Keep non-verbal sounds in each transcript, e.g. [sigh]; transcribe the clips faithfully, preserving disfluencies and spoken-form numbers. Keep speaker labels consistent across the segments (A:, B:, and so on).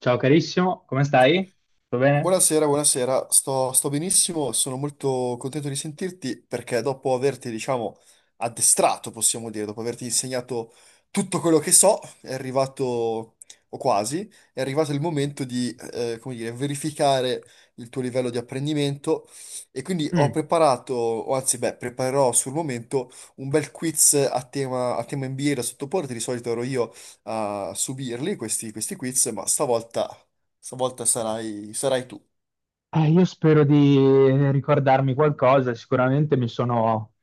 A: Ciao carissimo, come stai? Tutto bene?
B: Buonasera, buonasera, sto, sto benissimo, sono molto contento di sentirti perché dopo averti, diciamo, addestrato, possiamo dire, dopo averti insegnato tutto quello che so, è arrivato, o quasi, è arrivato il momento di, eh, come dire, verificare il tuo livello di apprendimento e quindi ho
A: Mm.
B: preparato, o anzi, beh, preparerò sul momento un bel quiz a tema, a tema N B A da sottoporre, di solito ero io a subirli, questi, questi quiz, ma stavolta Stavolta sarai, sarai tu.
A: Eh, io spero di ricordarmi qualcosa, sicuramente mi sono,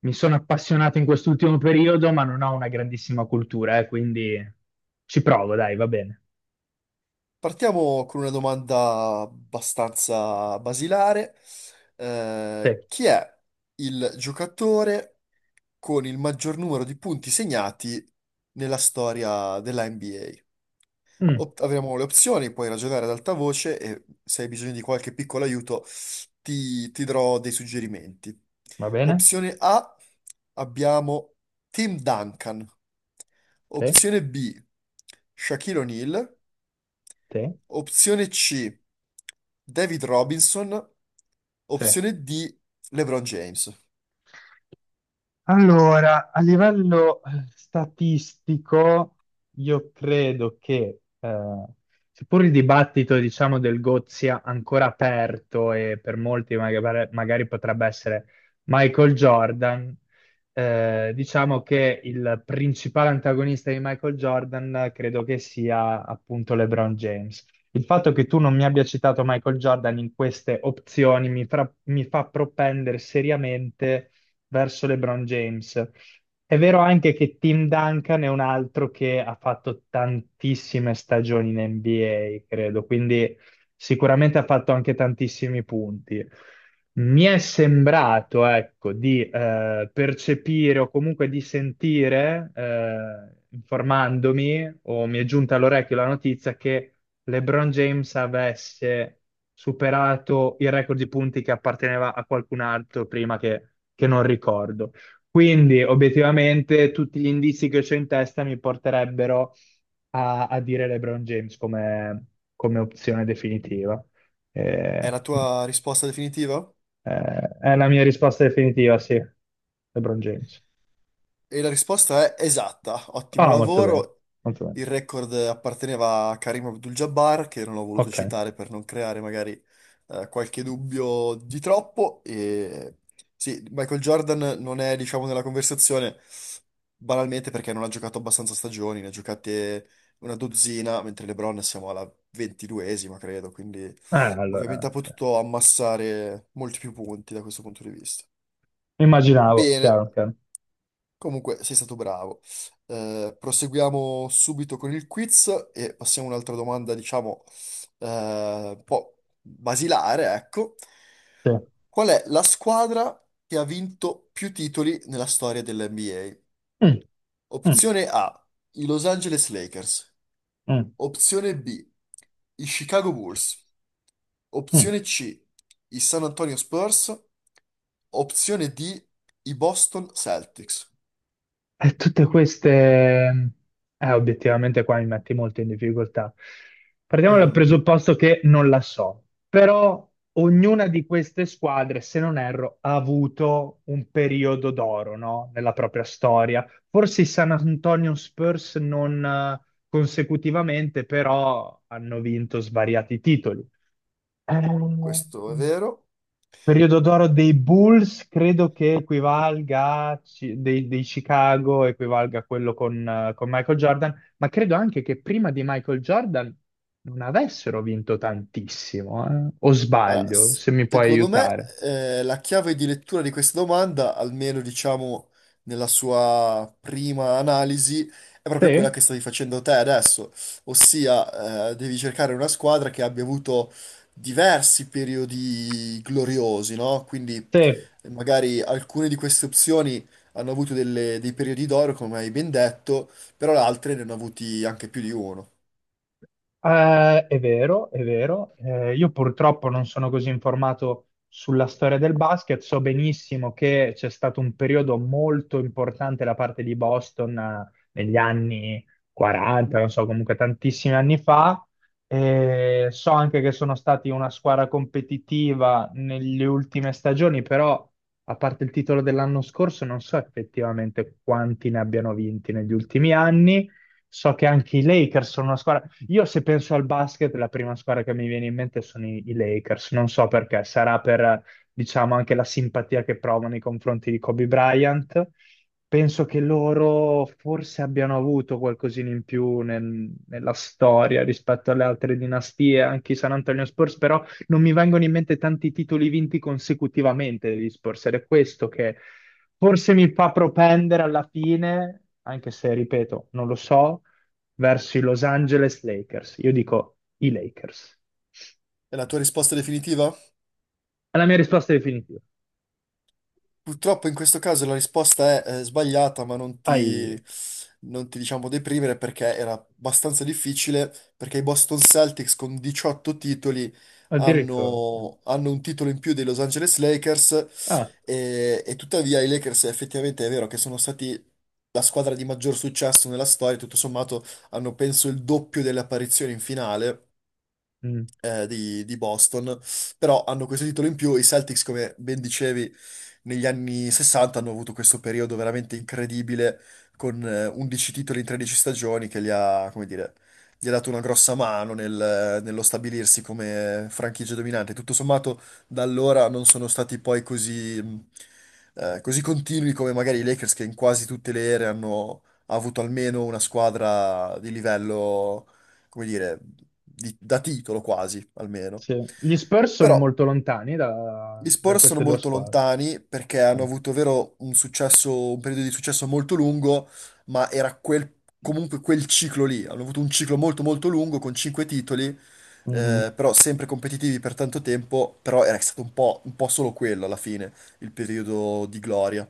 A: mi sono appassionato in quest'ultimo periodo, ma non ho una grandissima cultura, eh, quindi ci provo, dai, va bene.
B: Partiamo con una domanda abbastanza basilare.
A: Sì.
B: Eh, chi è il giocatore con il maggior numero di punti segnati nella storia della N B A?
A: Mm.
B: Opt- avremo le opzioni, puoi ragionare ad alta voce e se hai bisogno di qualche piccolo aiuto ti, ti darò dei suggerimenti.
A: Va bene?
B: Opzione A, abbiamo Tim Duncan.
A: Sì,
B: Opzione B, Shaquille O'Neal.
A: sì,
B: Opzione C, David Robinson.
A: sì.
B: Opzione D, LeBron James.
A: Allora, a livello eh, statistico, io credo che, eh, seppur il dibattito, diciamo, del G O T sia ancora aperto e per molti magari, magari potrebbe essere Michael Jordan, eh, diciamo che il principale antagonista di Michael Jordan eh, credo che sia appunto LeBron James. Il fatto che tu non mi abbia citato Michael Jordan in queste opzioni mi fra- mi fa propendere seriamente verso LeBron James. È vero anche che Tim Duncan è un altro che ha fatto tantissime stagioni in N B A, credo, quindi sicuramente ha fatto anche tantissimi punti. Mi è sembrato, ecco, di eh, percepire o comunque di sentire, eh, informandomi, o mi è giunta all'orecchio la notizia che LeBron James avesse superato il record di punti che apparteneva a qualcun altro prima che, che non ricordo. Quindi, obiettivamente, tutti gli indizi che ho in testa mi porterebbero a, a dire LeBron James come, come opzione definitiva.
B: È
A: Eh,
B: la tua risposta definitiva?
A: eh, è la mia risposta definitiva, sì. LeBron James.
B: E la risposta è esatta, ottimo
A: Ah, molto bene,
B: lavoro.
A: molto bene.
B: Il record apparteneva a Karim Abdul-Jabbar, che non ho voluto
A: Ok. Eh,
B: citare per non creare magari eh, qualche dubbio di troppo. E... Sì, Michael Jordan non è, diciamo, nella conversazione banalmente perché non ha giocato abbastanza stagioni, ne ha giocate una dozzina, mentre LeBron siamo alla ventiduesima, credo, quindi ovviamente ha
A: allora, sì.
B: potuto ammassare molti più punti da questo punto di vista.
A: Immaginavo,
B: Bene.
A: chiaro, chiaro.
B: Comunque, sei stato bravo. Eh, proseguiamo subito con il quiz e passiamo a un'altra domanda, diciamo, eh, un po' basilare, ecco.
A: Sì.
B: Qual è la squadra che ha vinto più titoli nella storia
A: Mm,
B: dell'N B A?
A: mm.
B: Opzione A, i Los Angeles Lakers.
A: Mm,
B: Opzione B, i Chicago Bulls.
A: mm.
B: Opzione C, i San Antonio Spurs. Opzione D, i Boston Celtics.
A: E tutte queste, eh, obiettivamente qua mi metti molto in difficoltà. Partiamo dal
B: Mm.
A: presupposto che non la so, però ognuna di queste squadre, se non erro, ha avuto un periodo d'oro, no? Nella propria storia. Forse i San Antonio Spurs non eh, consecutivamente, però hanno vinto svariati titoli. Ehm,
B: Questo è vero.
A: Periodo d'oro dei Bulls credo che equivalga a Ci- dei, dei Chicago, equivalga a quello con, eh, con Michael Jordan, ma credo anche che prima di Michael Jordan non avessero vinto tantissimo, eh. O
B: Ma
A: sbaglio,
B: s-
A: se mi puoi
B: secondo me,
A: aiutare.
B: eh, la chiave di lettura di questa domanda, almeno diciamo nella sua prima analisi, è proprio quella
A: Sì,
B: che stavi facendo te adesso, ossia, eh, devi cercare una squadra che abbia avuto diversi periodi gloriosi, no? Quindi
A: sì.
B: eh, magari alcune di queste opzioni hanno avuto delle- dei periodi d'oro, come hai ben detto, però le altre ne hanno avuti anche più di uno.
A: Eh, è vero, è vero. Eh, io purtroppo non sono così informato sulla storia del basket. So benissimo che c'è stato un periodo molto importante da parte di Boston, eh, negli anni quaranta, non so, comunque tantissimi anni fa. Eh, so anche che sono stati una squadra competitiva nelle ultime stagioni, però a parte il titolo dell'anno scorso, non so effettivamente quanti ne abbiano vinti negli ultimi anni. So che anche i Lakers sono una squadra io se penso al basket, la prima squadra che mi viene in mente sono i, i Lakers, non so perché, sarà per, diciamo, anche la simpatia che provo nei confronti di Kobe Bryant. Penso che loro forse abbiano avuto qualcosina in più nel- nella storia rispetto alle altre dinastie, anche i San Antonio Spurs, però non mi vengono in mente tanti titoli vinti consecutivamente degli Spurs, ed è questo che forse mi fa propendere alla fine, anche se, ripeto, non lo so, verso i Los Angeles Lakers. Io dico i Lakers.
B: È la tua risposta definitiva?
A: È la mia risposta definitiva.
B: Purtroppo in questo caso la risposta è, eh, sbagliata, ma non
A: Ai,
B: ti, non ti diciamo deprimere perché era abbastanza difficile, perché i Boston Celtics con diciotto titoli
A: addirittura. Mm.
B: hanno, hanno un titolo in più dei Los Angeles Lakers
A: Ah,
B: e, e tuttavia i Lakers effettivamente è vero che sono stati la squadra di maggior successo nella storia, tutto sommato hanno penso il doppio delle apparizioni in finale
A: mm,
B: eh, di, di Boston, però hanno questo titolo in più. I Celtics, come ben dicevi, negli anni sessanta hanno avuto questo periodo veramente incredibile con eh, undici titoli in tredici stagioni che gli ha, come dire, gli ha dato una grossa mano nel- nello stabilirsi come franchigia dominante. Tutto sommato, da allora non sono stati poi così, mh, eh, così continui come magari i Lakers che in quasi tutte le ere hanno... ha avuto almeno una squadra di livello come dire, di- da titolo quasi, almeno.
A: sì. Gli Spurs sono
B: Però
A: molto lontani da,
B: gli
A: da
B: Spurs sono
A: queste due
B: molto
A: squadre.
B: lontani perché hanno
A: No.
B: avuto, vero, un successo, un periodo di successo molto lungo, ma era quel, comunque quel ciclo lì. Hanno avuto un ciclo molto molto lungo con cinque titoli,
A: Mhm.
B: eh, però sempre competitivi per tanto tempo, però era stato un po', un po' solo quello alla fine, il periodo di gloria.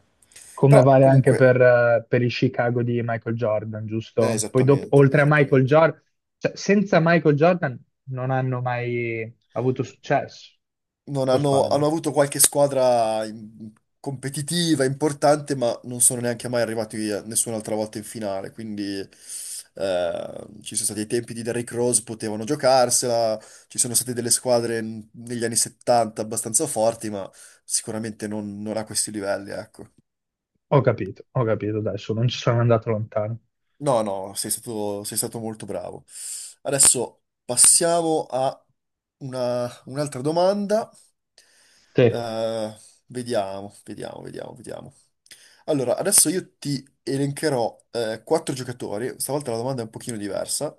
A: Come
B: Però
A: vale anche
B: comunque,
A: per, eh, per i Chicago di Michael Jordan,
B: eh,
A: giusto? Poi dopo,
B: esattamente,
A: oltre a Michael
B: esattamente.
A: Jordan, cioè, senza Michael Jordan non hanno mai avuto successo.
B: Non
A: O
B: hanno,
A: sbaglio?
B: hanno avuto qualche squadra in- competitiva, importante, ma non sono neanche mai arrivati a- nessun'altra volta in finale. Quindi eh, ci sono stati i tempi di Derrick Rose, potevano giocarsela, ci sono state delle squadre n- negli anni settanta abbastanza forti, ma sicuramente non, non a questi livelli, ecco.
A: Ho capito, ho capito, adesso non ci sono andato lontano.
B: No, no, sei stato, sei stato molto bravo. Adesso passiamo a una- un'altra domanda.
A: Sì.
B: Eh, vediamo, vediamo, vediamo, vediamo. Allora, adesso io ti elencherò eh, quattro giocatori, stavolta la domanda è un pochino diversa,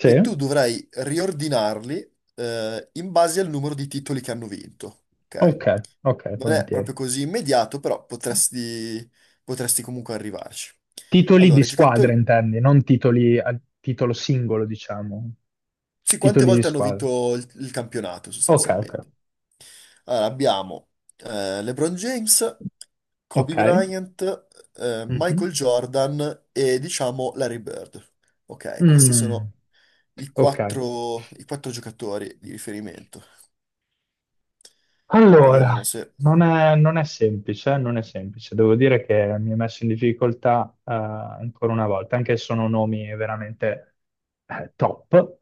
B: e tu dovrai riordinarli eh, in base al numero di titoli che hanno vinto, ok?
A: Ok, ok,
B: Non è
A: volentieri.
B: proprio così immediato, però potresti, potresti comunque arrivarci.
A: Titoli di
B: Allora, i
A: squadra
B: giocatori
A: intendi, non titoli a titolo singolo, diciamo.
B: sì, quante
A: Titoli di
B: volte hanno
A: squadra.
B: vinto il, il campionato
A: Ok, ok.
B: sostanzialmente? Allora, abbiamo eh, LeBron James, Kobe
A: Ok.
B: Bryant, eh,
A: Mhm.
B: Michael Jordan e diciamo Larry Bird. Ok, questi
A: Mm.
B: sono i
A: Ok.
B: quattro, i quattro giocatori di riferimento.
A: Allora,
B: Vediamo se...
A: non è, non è semplice, eh, non è semplice. Devo dire che mi ha messo in difficoltà eh, ancora una volta, anche se sono nomi veramente eh, top.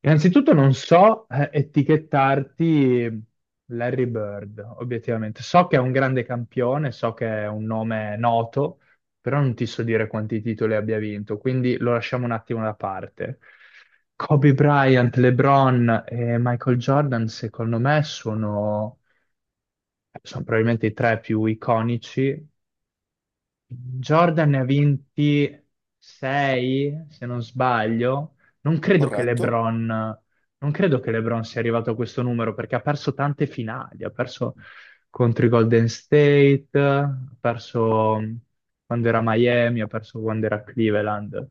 A: Innanzitutto non so eh, etichettarti Larry Bird, obiettivamente. So che è un grande campione, so che è un nome noto, però non ti so dire quanti titoli abbia vinto, quindi lo lasciamo un attimo da parte. Kobe Bryant, LeBron e Michael Jordan, secondo me, sono sono probabilmente i tre più iconici. Jordan ne ha vinti sei, se non sbaglio. Non credo che
B: Corretto?
A: LeBron, non credo che LeBron sia arrivato a questo numero perché ha perso tante finali, ha perso contro i Golden State, ha perso quando era a Miami, ha perso quando era a Cleveland.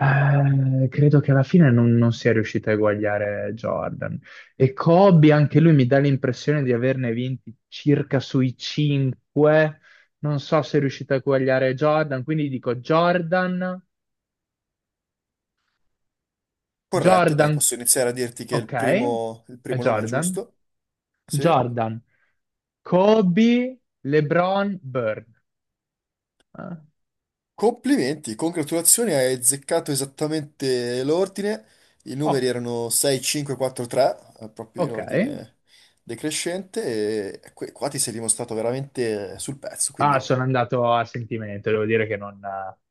A: Eh, credo che alla fine non, non sia riuscito a eguagliare Jordan. E Kobe, anche lui mi dà l'impressione di averne vinti circa sui cinque. Non so se è riuscito a eguagliare Jordan, quindi dico Jordan,
B: Corretto, dai,
A: Jordan,
B: posso iniziare a dirti che il
A: ok,
B: primo, il
A: è
B: primo nome è
A: Jordan,
B: giusto. Sì.
A: Jordan, Kobe, LeBron, Bird. Eh,
B: Complimenti, congratulazioni, hai azzeccato esattamente l'ordine. I numeri
A: Oh,
B: erano sei, cinque, quattro, tre, eh, proprio in
A: ok.
B: ordine decrescente, e que- qua ti sei dimostrato veramente sul pezzo,
A: Ah,
B: quindi
A: sono andato a sentimento, devo dire che non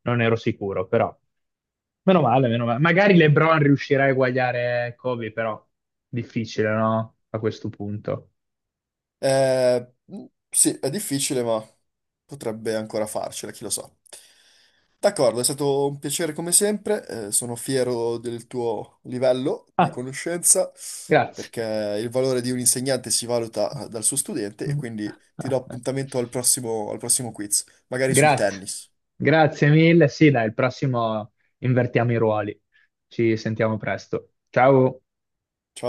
A: non ero sicuro, però. Meno male, meno male. Magari LeBron riuscirà a eguagliare Kobe, però difficile, no? A questo punto.
B: Eh, sì, è difficile, ma potrebbe ancora farcela, chi lo sa. D'accordo, è stato un piacere come sempre, eh, sono fiero del tuo livello di
A: Ah,
B: conoscenza,
A: grazie.
B: perché il valore di un insegnante si valuta dal suo studente e quindi
A: [laughs]
B: ti do appuntamento al prossimo, al prossimo quiz, magari sul
A: Grazie.
B: tennis.
A: Grazie mille. Sì, dai, il prossimo invertiamo i ruoli. Ci sentiamo presto. Ciao.
B: Ciao.